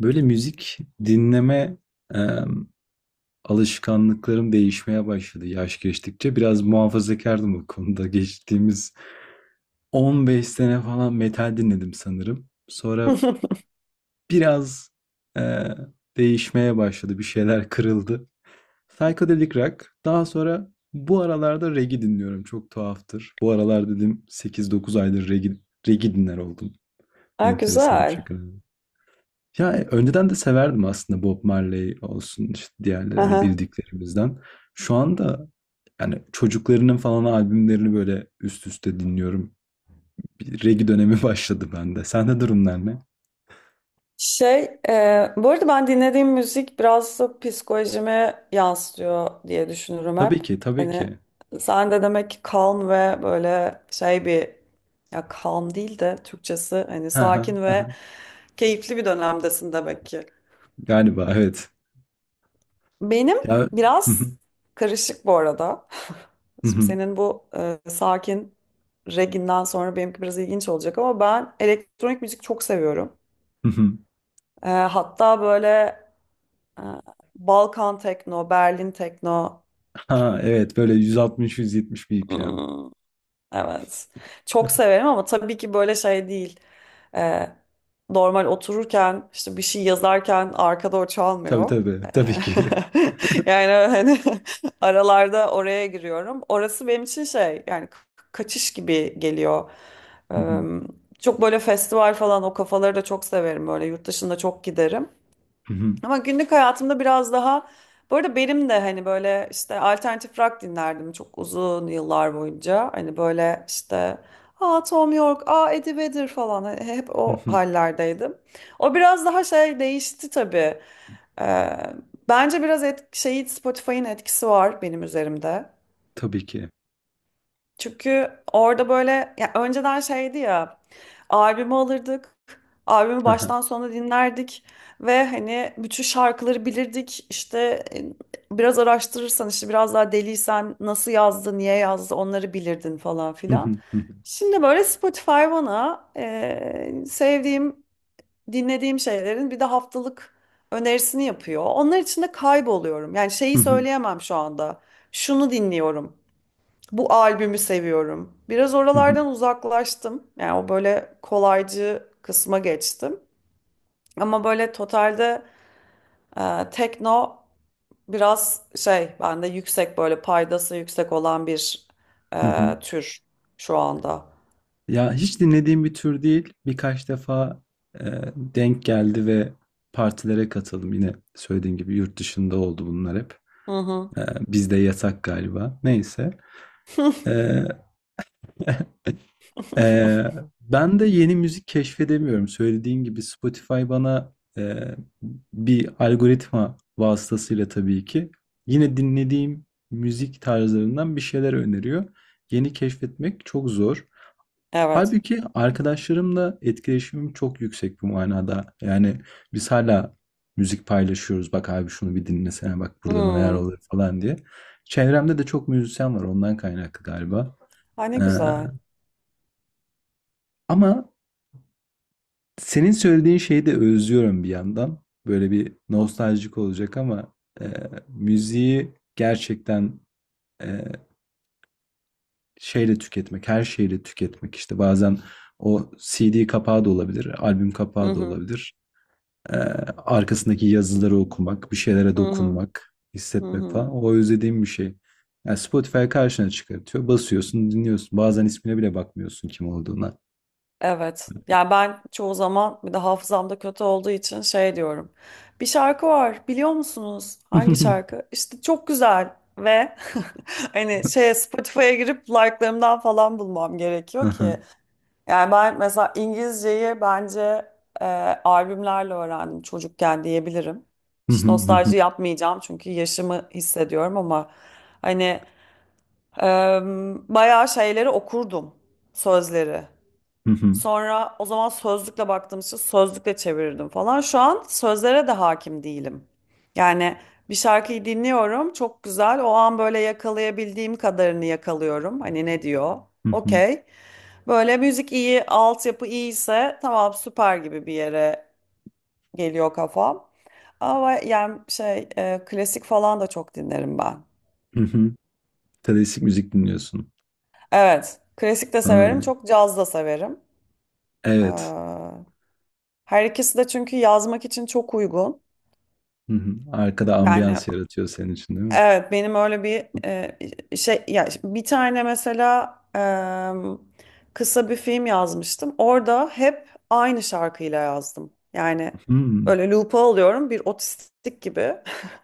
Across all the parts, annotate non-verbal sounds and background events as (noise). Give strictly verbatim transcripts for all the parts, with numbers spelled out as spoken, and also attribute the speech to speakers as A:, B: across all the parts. A: Böyle müzik dinleme, emm, alışkanlıklarım değişmeye başladı yaş geçtikçe. Biraz muhafazakardım bu konuda. Geçtiğimiz on beş sene falan metal dinledim sanırım. Sonra
B: (laughs)
A: biraz, eee, değişmeye başladı, bir şeyler kırıldı. Psychedelic rock, daha sonra bu aralarda reggae dinliyorum, çok tuhaftır. Bu aralar dedim sekiz dokuz aydır reggae reggae dinler oldum
B: Ha,
A: enteresan bir
B: güzel.
A: şekilde. Ya e, önceden de severdim aslında, Bob Marley olsun işte diğerleri hani
B: Aha.
A: bildiklerimizden. Şu anda yani çocuklarının falan albümlerini böyle üst üste dinliyorum. Bir reggae dönemi (laughs) başladı bende. Sende durumlar ne?
B: Şey, e, bu arada ben dinlediğim müzik biraz da psikolojime yansıtıyor diye düşünürüm hep.
A: Tabii ki, tabii
B: Hani
A: ki.
B: sen de demek ki calm ve böyle şey bir, ya calm değil de Türkçesi hani sakin ve
A: (laughs)
B: keyifli bir dönemdesin demek ki.
A: Galiba evet.
B: Benim
A: Ya
B: biraz karışık bu arada. (laughs) Şimdi
A: (laughs)
B: senin bu e, sakin reginden sonra benimki biraz ilginç olacak ama ben elektronik müzik çok seviyorum. E, hatta böyle e, Balkan tekno, Berlin tekno.
A: ha evet böyle yüz altmış yüz yetmiş B P M.
B: Hmm, evet. Çok
A: (laughs)
B: severim ama tabii ki böyle şey değil. E, normal otururken işte bir şey yazarken arkada o
A: Tabii
B: çalmıyor.
A: tabii,
B: E,
A: tabii ki.
B: (laughs) Yani hani (laughs) aralarda oraya giriyorum. Orası benim için şey yani ka- kaçış gibi geliyor. E, çok böyle festival falan o kafaları da çok severim. Böyle yurt dışında çok giderim. Ama günlük hayatımda biraz daha, bu arada benim de hani böyle işte alternatif rock dinlerdim çok uzun yıllar boyunca. Hani böyle işte aa Tom York, aa Eddie Vedder falan. Hani hep o
A: (laughs)
B: hallerdeydim. O biraz daha şey değişti tabii. Ee, bence biraz et, şeyi Spotify'ın etkisi var benim üzerimde.
A: Tabii ki.
B: Çünkü orada böyle, ya önceden şeydi, ya albümü alırdık. Albümü baştan sona dinlerdik ve hani bütün şarkıları bilirdik. İşte e, biraz araştırırsan işte biraz daha deliysen nasıl yazdı, niye yazdı onları bilirdin falan filan. Şimdi böyle Spotify bana e, sevdiğim, dinlediğim şeylerin bir de haftalık önerisini yapıyor. Onlar içinde kayboluyorum. Yani şeyi söyleyemem şu anda. Şunu dinliyorum. Bu albümü seviyorum. Biraz oralardan uzaklaştım. Yani o böyle kolaycı kısma geçtim. Ama böyle totalde e, tekno, biraz şey bende yüksek, böyle paydası yüksek olan bir e,
A: (laughs)
B: tür şu anda.
A: Ya hiç dinlediğim bir tür değil. Birkaç defa e, denk geldi ve partilere katıldım. Yine söylediğim gibi yurt dışında oldu bunlar hep.
B: Hı hı.
A: E, bizde yasak galiba. Neyse.
B: (laughs)
A: E, (laughs) e, ben de yeni müzik keşfedemiyorum. Söylediğim gibi Spotify bana, e, bir algoritma vasıtasıyla tabii ki yine dinlediğim müzik tarzlarından bir şeyler öneriyor. Yeni keşfetmek çok zor.
B: Evet.
A: Halbuki arkadaşlarımla etkileşimim çok yüksek bu manada. Yani biz hala müzik paylaşıyoruz. Bak abi şunu bir dinlesene, bak burada neler
B: Hmm.
A: oluyor falan diye. Çevremde de çok müzisyen var, ondan kaynaklı galiba.
B: Ay ne
A: Ee,
B: güzel.
A: ama senin söylediğin şeyi de özlüyorum bir yandan. Böyle bir nostaljik olacak ama e, müziği gerçekten, e, şeyle tüketmek, her şeyle tüketmek, işte bazen o C D kapağı da olabilir, albüm
B: Hı
A: kapağı da
B: hı.
A: olabilir. Ee, arkasındaki yazıları okumak, bir şeylere
B: Hı hı.
A: dokunmak,
B: Hı
A: hissetmek
B: hı.
A: falan. O özlediğim bir şey. Yani Spotify karşına çıkartıyor. Basıyorsun, dinliyorsun. Bazen ismine bile bakmıyorsun kim olduğuna.
B: Evet. Yani ben çoğu zaman bir de hafızamda kötü olduğu için şey diyorum. Bir şarkı var biliyor musunuz? Hangi
A: (laughs)
B: şarkı? İşte çok güzel ve (laughs) hani şeye, Spotify'a girip like'larımdan falan bulmam gerekiyor
A: Aha.
B: ki. Yani ben mesela İngilizceyi bence e, albümlerle öğrendim çocukken diyebilirim. Hiç nostalji yapmayacağım çünkü yaşımı hissediyorum ama hani e, bayağı şeyleri okurdum, sözleri. Sonra o zaman sözlükle baktığım için sözlükle çevirirdim falan. Şu an sözlere de hakim değilim. Yani bir şarkıyı dinliyorum, çok güzel. O an böyle yakalayabildiğim kadarını yakalıyorum. Hani ne diyor? Okey.
A: (laughs)
B: Böyle müzik iyi, altyapı iyiyse tamam süper gibi bir yere geliyor kafam. Ama yani şey e, klasik falan da çok dinlerim ben.
A: Klasik müzik dinliyorsun.
B: Evet, klasik de
A: Ha,
B: severim, çok caz da severim.
A: evet.
B: Ee, her ikisi de çünkü yazmak için çok uygun.
A: Hı hı. Arkada
B: Yani
A: ambiyans yaratıyor senin için değil mi?
B: evet benim öyle bir e, şey, ya bir tane mesela e, kısa bir film yazmıştım. Orada hep aynı şarkıyla yazdım. Yani
A: Hmm.
B: böyle loop'a alıyorum bir otistik gibi. (laughs)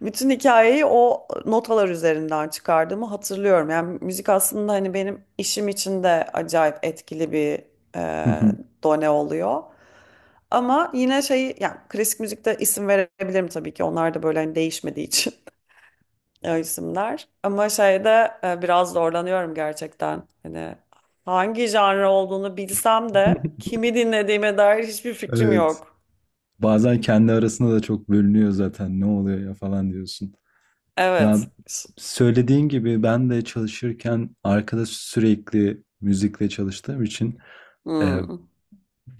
B: Bütün hikayeyi o notalar üzerinden çıkardığımı hatırlıyorum. Yani müzik aslında hani benim işim için de acayip etkili bir e, done oluyor. Ama yine şey yani klasik müzikte isim verebilirim tabii ki. Onlar da böyle hani değişmediği için, o isimler. Ama şeyde e, biraz zorlanıyorum gerçekten. Hani hangi janra olduğunu bilsem de
A: (laughs)
B: kimi dinlediğime dair hiçbir fikrim
A: Evet.
B: yok.
A: Bazen kendi arasında da çok bölünüyor zaten. Ne oluyor ya falan diyorsun. Ya
B: Evet.
A: söylediğin gibi ben de çalışırken arkada sürekli müzikle çalıştığım için e,
B: Hmm. (laughs)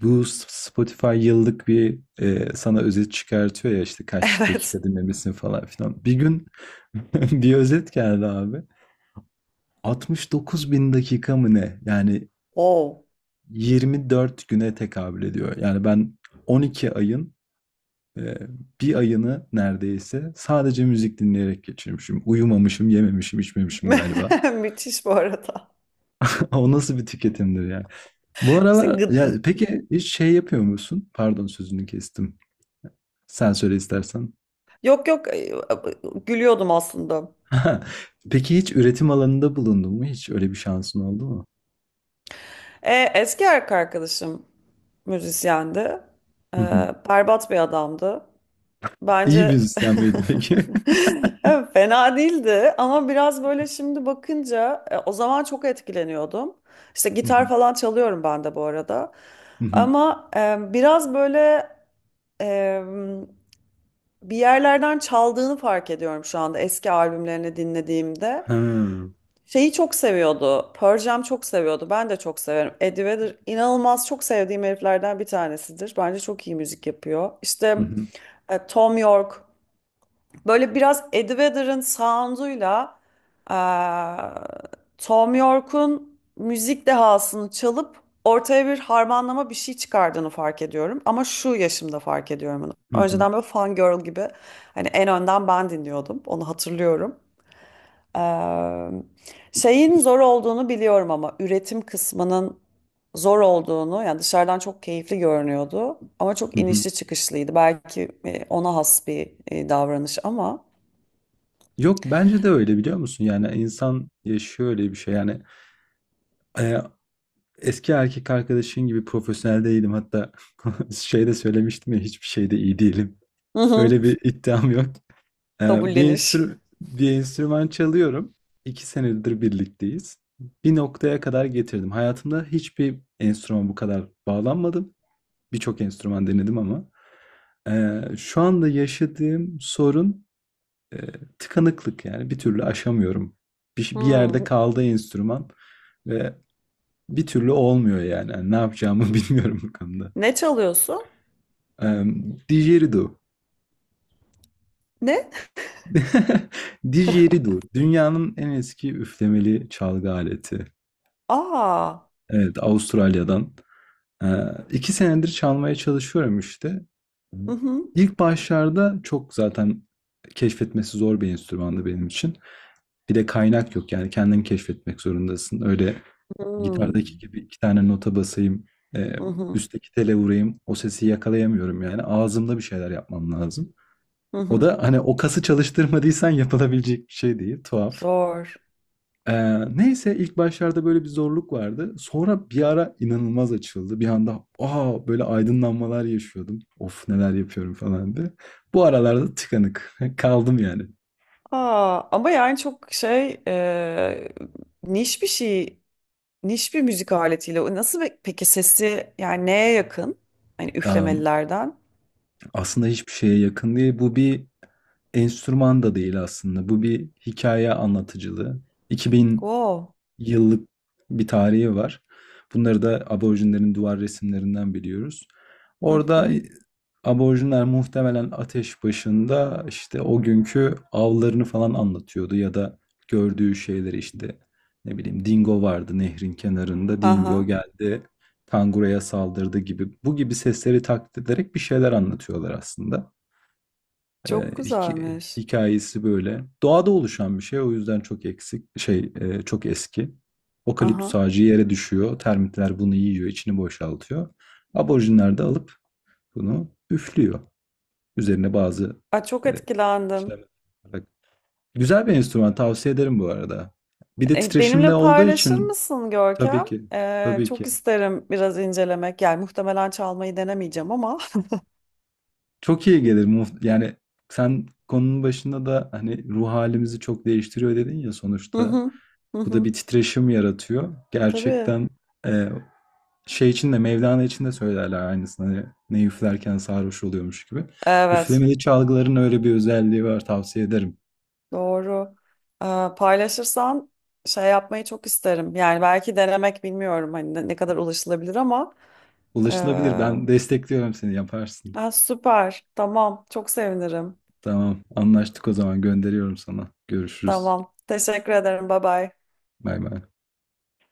A: bu S- Spotify yıllık bir, e, sana özet çıkartıyor ya işte kaç
B: Evet.
A: dakika dinlemesin falan filan. Bir gün (laughs) bir özet geldi abi. altmış dokuz bin dakika mı ne? Yani
B: Oh.
A: yirmi dört güne tekabül ediyor. Yani ben on iki ayın, e, bir ayını neredeyse sadece müzik dinleyerek geçirmişim. Uyumamışım, yememişim, içmemişim galiba.
B: (laughs) Müthiş bu arada.
A: O nasıl bir tüketimdir ya? Bu
B: İşte
A: aralar
B: gıd.
A: ya, peki hiç şey yapıyor musun? Pardon sözünü kestim. Sen söyle istersen.
B: Yok yok, e, gülüyordum aslında.
A: (laughs) Peki hiç üretim alanında bulundun mu? Hiç öyle bir şansın oldu mu?
B: E, eski erkek arkadaşım müzisyendi. E,
A: Hı hı.
B: berbat bir adamdı.
A: İyi
B: Bence
A: müzisyen miydin peki?
B: (laughs)
A: (laughs)
B: Evet, fena değildi ama biraz böyle şimdi bakınca e, o zaman çok etkileniyordum. İşte
A: Hı
B: gitar
A: hı.
B: falan çalıyorum ben de bu arada.
A: Hı hı.
B: Ama e, biraz böyle e, bir yerlerden çaldığını fark ediyorum şu anda eski albümlerini dinlediğimde.
A: Ha.
B: Şeyi çok seviyordu. Pearl Jam çok seviyordu. Ben de çok severim. Eddie Vedder inanılmaz çok sevdiğim heriflerden bir tanesidir. Bence çok iyi müzik yapıyor. İşte
A: Hı hı.
B: e, Tom York böyle biraz Ed Vedder'ın sound'uyla eee, Tom York'un müzik dehasını çalıp ortaya bir harmanlama bir şey çıkardığını fark ediyorum. Ama şu yaşımda fark ediyorum bunu.
A: Hı hı.
B: Önceden böyle fan girl gibi hani en önden ben dinliyordum. Onu hatırlıyorum. Eee, şeyin zor olduğunu biliyorum ama üretim kısmının zor olduğunu, yani dışarıdan çok keyifli görünüyordu. Ama çok
A: Hı hı.
B: inişli çıkışlıydı. Belki e, ona has bir e, davranış ama.
A: Yok bence de öyle, biliyor musun? Yani insan yaşıyor öyle bir şey. Yani e, eski erkek arkadaşın gibi profesyonel değilim. Hatta (laughs) şeyde söylemiştim ya, hiçbir şeyde iyi değilim.
B: Hı hı.
A: Öyle bir iddiam yok. Eee, bir
B: Kabulleniş.
A: enstrü bir enstrüman çalıyorum. İki senedir birlikteyiz. Bir noktaya kadar getirdim. Hayatımda hiçbir enstrümana bu kadar bağlanmadım. Birçok enstrüman denedim ama. Eee, şu anda yaşadığım sorun, eee, tıkanıklık, yani bir türlü aşamıyorum. Bir bir yerde
B: Hmm.
A: kaldı enstrüman ve bir türlü olmuyor yani. Hani, ne yapacağımı (laughs) bilmiyorum bu konuda.
B: Ne çalıyorsun?
A: Emm, didgeridoo.
B: Ne?
A: (laughs) Didgeridoo. Dünyanın en eski üflemeli çalgı aleti.
B: Aa.
A: Evet, Avustralya'dan. Ee, iki senedir çalmaya çalışıyorum işte. Hı.
B: Hı hı.
A: İlk başlarda çok zaten keşfetmesi zor bir enstrümandı benim için. Bir de kaynak yok, yani kendin keşfetmek zorundasın. Öyle gitardaki
B: Hmm.
A: gibi iki tane nota basayım, e,
B: Hı hı.
A: üstteki tele vurayım, o sesi yakalayamıyorum yani. Ağzımda bir şeyler yapmam lazım.
B: Hı
A: O
B: hı.
A: da hani o kası çalıştırmadıysan (laughs) yapılabilecek bir şey değil. Tuhaf.
B: Zor.
A: Eee, neyse, ilk başlarda böyle bir zorluk vardı. Sonra bir ara inanılmaz açıldı. Bir anda aa böyle aydınlanmalar yaşıyordum. Of neler yapıyorum falan diye. Bu aralarda tıkanık (laughs) kaldım yani.
B: Aa, ama yani çok şey, e, niş bir şey, niş bir müzik aletiyle. O nasıl be- peki sesi, yani neye yakın? Hani
A: Am,
B: üflemelilerden.
A: aslında hiçbir şeye yakın değil. Bu bir enstrüman da değil aslında. Bu bir hikaye anlatıcılığı.
B: Wow.
A: Yıllık bir tarihi var. Bunları da aborjinlerin duvar resimlerinden biliyoruz.
B: Hı
A: Orada
B: hı.
A: e, aborjinler muhtemelen ateş başında işte o günkü avlarını falan anlatıyordu ya da gördüğü şeyleri işte, ne bileyim, dingo vardı nehrin kenarında, dingo
B: Aha.
A: geldi kanguruya saldırdı gibi, bu gibi sesleri taklit ederek bir şeyler anlatıyorlar aslında. E,
B: Çok
A: hik-
B: güzelmiş.
A: hikayesi böyle. Doğada oluşan bir şey, o yüzden çok eksik şey, e, çok eski. Okaliptüs
B: Aha.
A: ağacı yere düşüyor. Termitler bunu yiyor, içini boşaltıyor. Aborjinler de alıp bunu üflüyor. Üzerine bazı
B: Aa, çok
A: e,
B: etkilendim.
A: işlemler yaparak. Güzel bir enstrüman, tavsiye ederim bu arada. Bir de
B: E,
A: titreşimde
B: benimle
A: olduğu
B: paylaşır
A: için
B: mısın
A: tabii
B: Görkem?
A: ki,
B: E,
A: tabii
B: çok
A: ki
B: isterim biraz incelemek. Yani muhtemelen çalmayı denemeyeceğim ama. (laughs)
A: çok iyi gelir. Muht- Yani sen konunun başında da hani ruh halimizi çok değiştiriyor dedin ya,
B: Hı
A: sonuçta
B: hı, hı
A: bu da
B: hı.
A: bir titreşim yaratıyor.
B: Tabii.
A: Gerçekten e, şey için de, Mevlana için de söylerler aynısını. Hani ne üflerken sarhoş oluyormuş gibi.
B: Evet,
A: Üflemeli çalgıların öyle bir özelliği var, tavsiye ederim.
B: doğru. E, paylaşırsan şey yapmayı çok isterim. Yani belki denemek bilmiyorum hani ne, ne kadar ulaşılabilir ama. E,
A: Ulaşılabilir. Ben destekliyorum, seni yaparsın.
B: ha, süper. Tamam. Çok sevinirim.
A: Tamam, anlaştık o zaman, gönderiyorum sana. Görüşürüz.
B: Tamam. Teşekkür ederim. Bye bye.
A: Bay bay.